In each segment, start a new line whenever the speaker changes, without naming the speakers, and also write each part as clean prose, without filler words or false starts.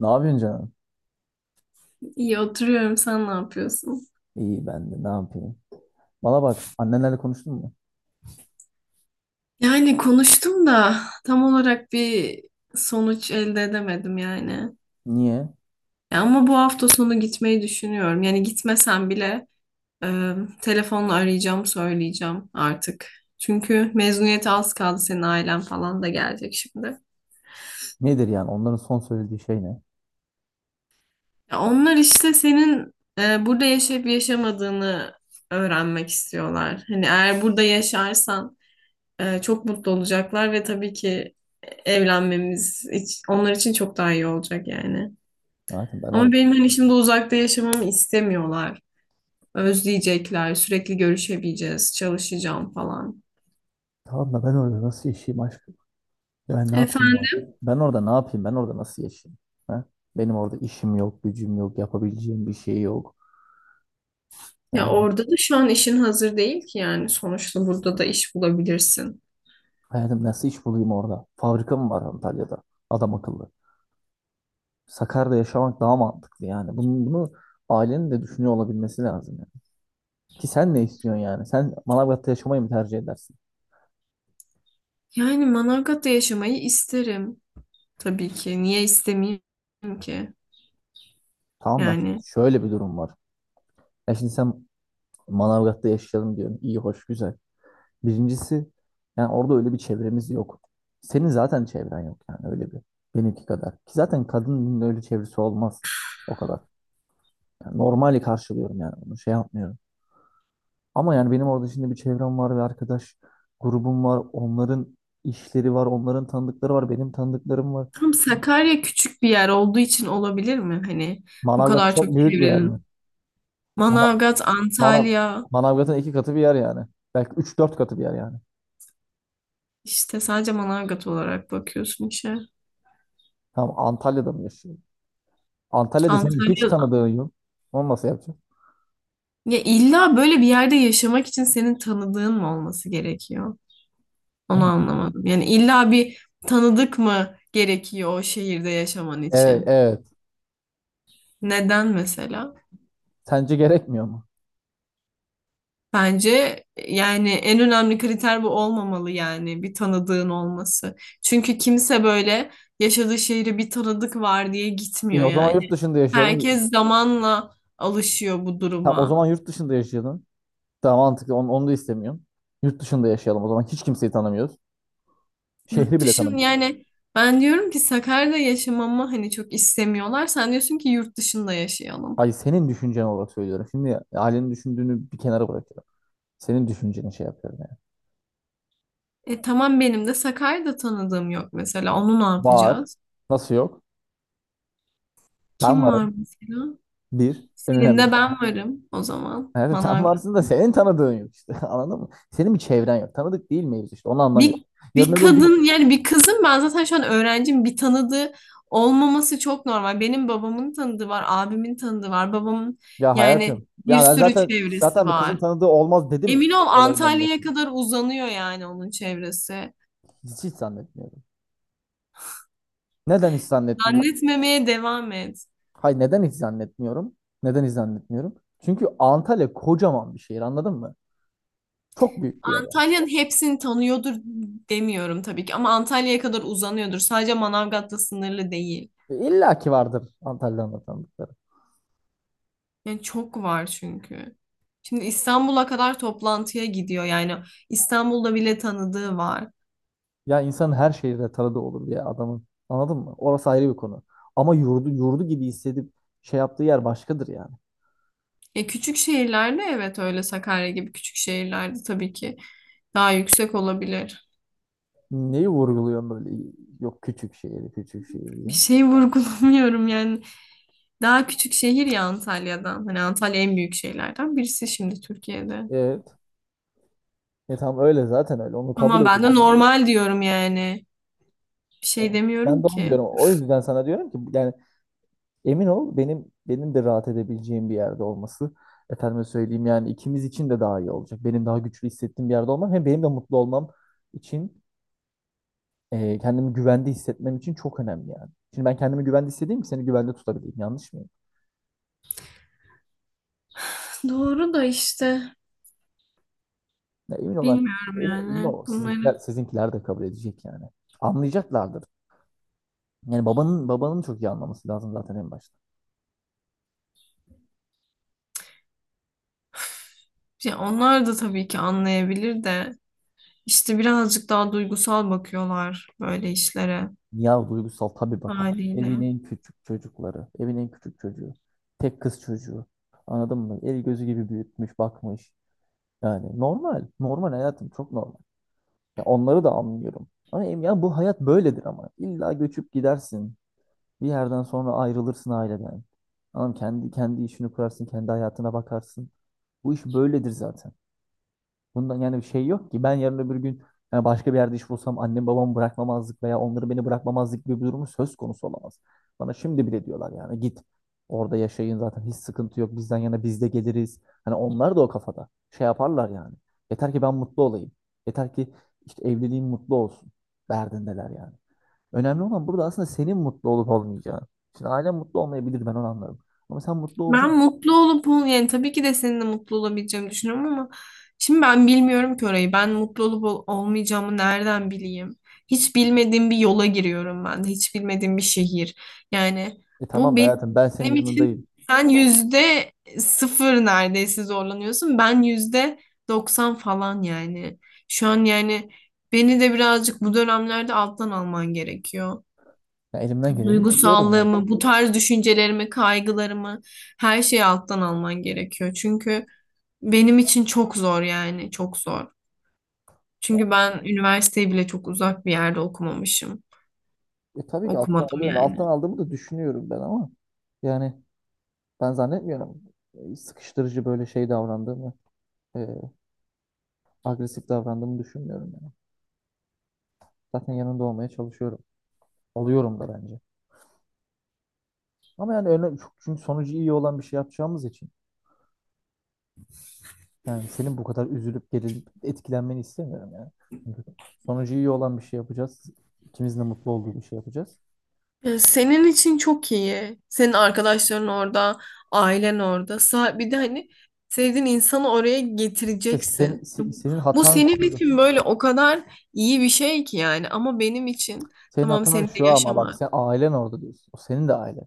Ne yapıyorsun canım?
İyi oturuyorum. Sen ne yapıyorsun?
İyi ben de ne yapayım? Bana bak annenlerle konuştun mu?
Yani konuştum da tam olarak bir sonuç elde edemedim yani.
Niye?
Ya ama bu hafta sonu gitmeyi düşünüyorum. Yani gitmesem bile e, telefonla arayacağım, söyleyeceğim artık. Çünkü mezuniyete az kaldı. Senin ailen falan da gelecek şimdi.
Nedir yani onların son söylediği şey ne?
Ya onlar işte senin burada yaşayıp yaşamadığını öğrenmek istiyorlar. Hani eğer burada yaşarsan çok mutlu olacaklar ve tabii ki onlar için çok daha iyi olacak yani.
Hayatım ben
Ama
orada.
benim hani şimdi uzakta yaşamamı istemiyorlar. Özleyecekler, sürekli görüşebileceğiz, çalışacağım falan.
Tamam da ben orada nasıl yaşayayım aşkım? Ya ben ne yapayım ya?
Efendim,
Ben orada ne yapayım? Ben orada nasıl yaşayayım? Ha? Benim orada işim yok, gücüm yok, yapabileceğim bir şey yok.
ya
Yani
orada da şu an işin hazır değil ki yani sonuçta burada da iş bulabilirsin.
hayatım nasıl iş bulayım orada? Fabrika mı var Antalya'da? Adam akıllı. Sakarya'da yaşamak daha mantıklı yani. Bunu ailenin de düşünüyor olabilmesi lazım yani. Ki sen ne istiyorsun yani? Sen Manavgat'ta yaşamayı mı tercih edersin?
Yani Manavgat'ta yaşamayı isterim. Tabii ki. Niye istemeyeyim ki?
Tamam da
Yani
şöyle bir durum var. Ya şimdi sen Manavgat'ta yaşayalım diyorsun. İyi, hoş, güzel. Birincisi yani orada öyle bir çevremiz yok. Senin zaten çevren yok yani öyle bir. Benimki kadar. Ki zaten kadının öyle çevresi olmaz o kadar. Yani normali karşılıyorum yani onu şey yapmıyorum. Ama yani benim orada şimdi bir çevrem var ve arkadaş grubum var. Onların işleri var, onların tanıdıkları var, benim tanıdıklarım var.
tam Sakarya küçük bir yer olduğu için olabilir mi? Hani bu
Manavgat
kadar
çok
çok
büyük bir yer mi?
çevrenin.
Mana-
Manavgat,
Manav
Antalya.
Manavgat'ın iki katı bir yer yani. Belki üç dört katı bir yer yani.
İşte sadece Manavgat olarak bakıyorsun işe.
Tamam Antalya'da mı yaşıyorsun? Antalya'da senin hiç
Antalya.
tanıdığın yok. Onu nasıl yapacaksın?
Ya illa böyle bir yerde yaşamak için senin tanıdığın mı olması gerekiyor? Onu anlamadım. Yani illa bir tanıdık mı gerekiyor o şehirde yaşaman
Evet,
için?
evet.
Neden mesela?
Sence gerekmiyor mu?
Bence yani en önemli kriter bu olmamalı, yani bir tanıdığın olması. Çünkü kimse böyle yaşadığı şehre bir tanıdık var diye gitmiyor
O zaman
yani.
yurt dışında yaşayalım.
Herkes zamanla alışıyor bu
Tamam, o
duruma.
zaman yurt dışında yaşayalım. Daha mantıklı. Onu da istemiyorum. Yurt dışında yaşayalım. O zaman hiç kimseyi tanımıyoruz.
Yurt
Şehri bile
dışın
tanımıyoruz.
yani ben diyorum ki Sakarya'da yaşamamı hani çok istemiyorlar. Sen diyorsun ki yurt dışında yaşayalım.
Hayır senin düşüncen olarak söylüyorum. Şimdi ailenin düşündüğünü bir kenara bırakıyorum. Senin düşünceni şey yapıyorum yani.
E tamam, benim de Sakarya'da tanıdığım yok mesela. Onu ne
Var.
yapacağız?
Nasıl yok? Ben
Kim var
varım.
mesela?
Bir. En
Senin
önemli
de ben varım o zaman.
evet, sen
Bana
varsın da senin tanıdığın yok işte. Anladın mı? Senin bir çevren yok. Tanıdık değil miyiz işte. Onu anlamıyorum.
Bir,
Yarın
bir
öbür gün
kadın, yani bir kızın, ben zaten şu an öğrencim, bir tanıdığı olmaması çok normal. Benim babamın tanıdığı var, abimin tanıdığı var, babamın
ya
yani
hayatım.
bir
Ya ben
sürü
zaten
çevresi
zaten bir
var.
kızın tanıdığı olmaz dedi mi?
Emin ol
Olayın en
Antalya'ya
başında.
kadar uzanıyor yani onun çevresi.
Hiç zannetmiyorum. Neden hiç zannetmiyorum?
Zannetmemeye devam et.
Hayır neden hiç zannetmiyorum? Neden hiç zannetmiyorum? Çünkü Antalya kocaman bir şehir anladın mı? Çok büyük bir yer yani.
Antalya'nın hepsini tanıyordur demiyorum tabii ki ama Antalya'ya kadar uzanıyordur. Sadece Manavgat'la sınırlı değil.
İlla ki vardır Antalya'nın tanıdıkları.
Yani çok var çünkü. Şimdi İstanbul'a kadar toplantıya gidiyor. Yani İstanbul'da bile tanıdığı var.
Ya insanın her şehirde tanıdığı olur ya adamın. Anladın mı? Orası ayrı bir konu. Ama yurdu gibi hissedip şey yaptığı yer başkadır yani.
E küçük şehirlerde, evet, öyle Sakarya gibi küçük şehirlerde tabii ki daha yüksek olabilir.
Neyi vurguluyorum böyle? Yok küçük şehir, küçük şehir
Bir
diye.
şey vurgulamıyorum yani. Daha küçük şehir ya Antalya'dan. Hani Antalya en büyük şehirlerden birisi şimdi Türkiye'de.
Evet. E tamam öyle zaten öyle. Onu kabul
Ama ben de
ediyorum.
normal diyorum yani. Bir
Evet.
şey
Ben
demiyorum
de onu
ki.
diyorum. O yüzden sana diyorum ki yani emin ol benim de rahat edebileceğim bir yerde olması. Efendime söyleyeyim yani ikimiz için de daha iyi olacak. Benim daha güçlü hissettiğim bir yerde olmam hem benim de mutlu olmam için kendimi güvende hissetmem için çok önemli yani. Şimdi ben kendimi güvende hissedeyim ki seni güvende tutabileyim. Yanlış mıyım?
Doğru da işte
Ya emin olan
bilmiyorum
emin
yani
ol.
bunları.
Sizinkiler de kabul edecek yani. Anlayacaklardır. Yani babanın çok iyi anlaması lazım zaten en başta.
Ya onlar da tabii ki anlayabilir de işte birazcık daha duygusal bakıyorlar böyle işlere
Ya duygusal tabii bakan. Evin
haliyle.
en küçük çocukları, evin en küçük çocuğu, tek kız çocuğu. Anladın mı? El gözü gibi büyütmüş, bakmış. Yani normal hayatım çok normal. Ya onları da anlıyorum. Ama ya bu hayat böyledir ama. İlla göçüp gidersin. Bir yerden sonra ayrılırsın aileden. Anam kendi işini kurarsın, kendi hayatına bakarsın. Bu iş böyledir zaten. Bundan yani bir şey yok ki. Ben yarın öbür gün yani başka bir yerde iş bulsam annem babamı bırakmamazlık veya onları beni bırakmamazlık gibi bir durumu söz konusu olamaz. Bana şimdi bile diyorlar yani git orada yaşayın zaten hiç sıkıntı yok bizden yana biz de geliriz. Hani onlar da o kafada şey yaparlar yani. Yeter ki ben mutlu olayım. Yeter ki işte evliliğim mutlu olsun derdindeler yani. Önemli olan burada aslında senin mutlu olup olmayacağın. Şimdi ailen mutlu olmayabilir ben onu anlarım. Ama sen mutlu olacaksın.
Ben mutlu olup ol- Yani tabii ki de seninle mutlu olabileceğimi düşünüyorum ama şimdi ben bilmiyorum ki orayı. Ben mutlu olup ol- Olmayacağımı nereden bileyim? Hiç bilmediğim bir yola giriyorum ben de. Hiç bilmediğim bir şehir. Yani
E
bu
tamam da hayatım ben senin
benim için,
yanındayım.
sen yüzde sıfır neredeyse zorlanıyorsun. Ben yüzde doksan falan yani. Şu an yani beni de birazcık bu dönemlerde alttan alman gerekiyor.
Ya elimden geleni yapıyorum zaten.
Duygusallığımı, bu tarz düşüncelerimi, kaygılarımı, her şeyi alttan alman gerekiyor. Çünkü benim için çok zor yani, çok zor. Çünkü ben üniversiteyi bile çok uzak bir yerde okumamışım.
E tabii ki alttan
Okumadım
alıyorum. Alttan
yani.
aldığımı da düşünüyorum ben ama yani ben zannetmiyorum sıkıştırıcı böyle şey davrandığımı, e, agresif davrandığımı düşünmüyorum yani. Zaten yanında olmaya çalışıyorum. Oluyorum da bence. Ama yani önemli, çünkü sonucu iyi olan bir şey yapacağımız için yani senin bu kadar üzülüp gerilip etkilenmeni istemiyorum yani. Çünkü sonucu iyi olan bir şey yapacağız. İkimizin de mutlu olduğu bir şey yapacağız.
Senin için çok iyi. Senin arkadaşların orada, ailen orada. Bir de hani sevdiğin insanı oraya
İşte
getireceksin.
senin
Bu
hatan
senin
şurada.
için böyle o kadar iyi bir şey ki yani. Ama benim için
Senin
tamam
hatan
senin de
şu ama
yaşam.
bak sen ailen orada diyorsun. O senin de ailen.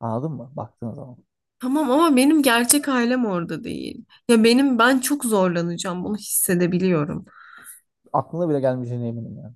Anladın mı? Baktığın zaman.
Tamam ama benim gerçek ailem orada değil. Ya benim, ben çok zorlanacağım, bunu hissedebiliyorum.
Aklına bile gelmeyeceğine eminim yani.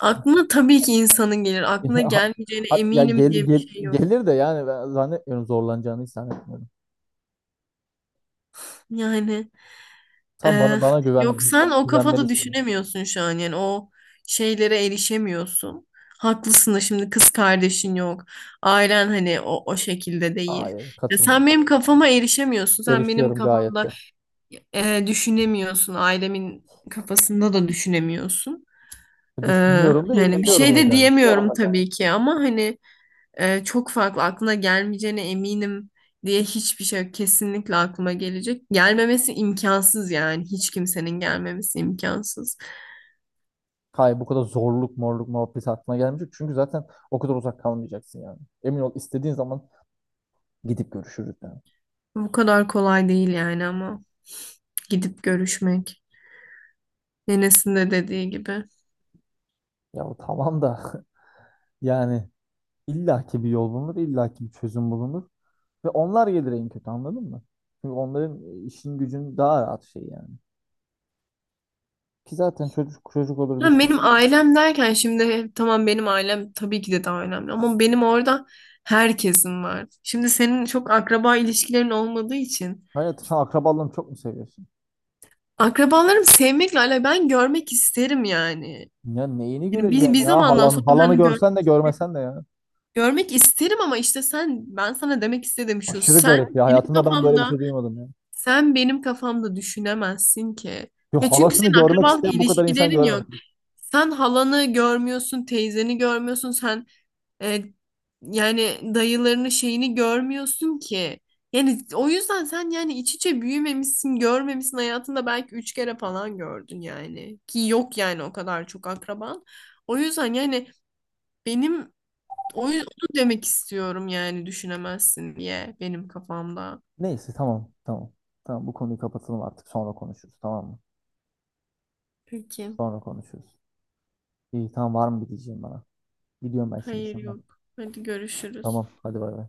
Aklına tabii ki insanın gelir. Aklına gelmeyeceğine
Ya
eminim diye bir şey yok.
gelir de yani ben zannetmiyorum zorlanacağını hiç zannetmiyorum.
Yani
Sen bana
e,
bana
yok,
güven
sen o kafada
güvenmelisin.
düşünemiyorsun şu an yani o şeylere erişemiyorsun. Haklısın da şimdi kız kardeşin yok. Ailen hani o şekilde değil.
Hayır,
Ya sen
katılmıyorum.
benim kafama erişemiyorsun. Sen benim
Erişiyorum gayet
kafamda
de.
düşünemiyorsun. Ailemin kafasında da düşünemiyorsun.
Düşünüyorum da
Yani bir
erişiyorum
şey
da
de
gayet.
diyemiyorum tabii ki ama hani çok farklı aklına gelmeyeceğine eminim diye hiçbir şey yok. Kesinlikle aklıma gelecek. Gelmemesi imkansız yani, hiç kimsenin gelmemesi imkansız.
Hayır bu kadar zorluk morluk muhabbeti aklına gelmeyecek. Çünkü zaten o kadar uzak kalmayacaksın yani. Emin ol istediğin zaman gidip görüşürüz yani.
Bu kadar kolay değil yani ama, gidip görüşmek. Enes'in de dediği gibi.
Ya tamam da yani illaki bir yol bulunur, illaki bir çözüm bulunur. Ve onlar gelir en kötü anladın mı? Çünkü onların işin gücün daha rahat şey yani. Ki zaten çocuk çocuk olur bir
Ha,
şey.
benim ailem derken, şimdi tamam benim ailem tabii ki de daha önemli ama benim orada herkesin var. Şimdi senin çok akraba ilişkilerin olmadığı için
Hayatım sen akrabalarını çok mu seviyorsun?
akrabalarımı sevmekle alakalı, ben görmek isterim yani.
Ya neyini
Yani bir,
göreceksin
bir
ya?
zamandan
Halanı,
sonra
halanı
ben
görsen de görmesen de ya.
görmek isterim ama işte sen, ben sana demek istedim şu,
Aşırı
sen
garip ya.
benim
Hayatımda ben böyle bir
kafamda,
şey duymadım ya.
sen benim kafamda düşünemezsin ki.
Yo,
Ya çünkü
halasını
senin
görmek
akrabalık
isteyen bu kadar insan
ilişkilerin yok.
görmedim.
Sen halanı görmüyorsun, teyzeni görmüyorsun, sen E, yani dayılarını şeyini görmüyorsun ki. Yani o yüzden sen yani iç içe büyümemişsin, görmemişsin, hayatında belki 3 kere falan gördün yani. Ki yok yani o kadar çok akraban. O yüzden yani benim onu demek istiyorum yani düşünemezsin diye benim kafamda.
Neyse tamam. Tamam bu konuyu kapatalım artık. Sonra konuşuruz tamam mı?
Peki.
Sonra konuşuruz. İyi tamam var mı bir diyeceğim bana. Gidiyorum ben şimdi
Hayır,
sen bak.
yok. Hadi görüşürüz.
Tamam hadi bay bay.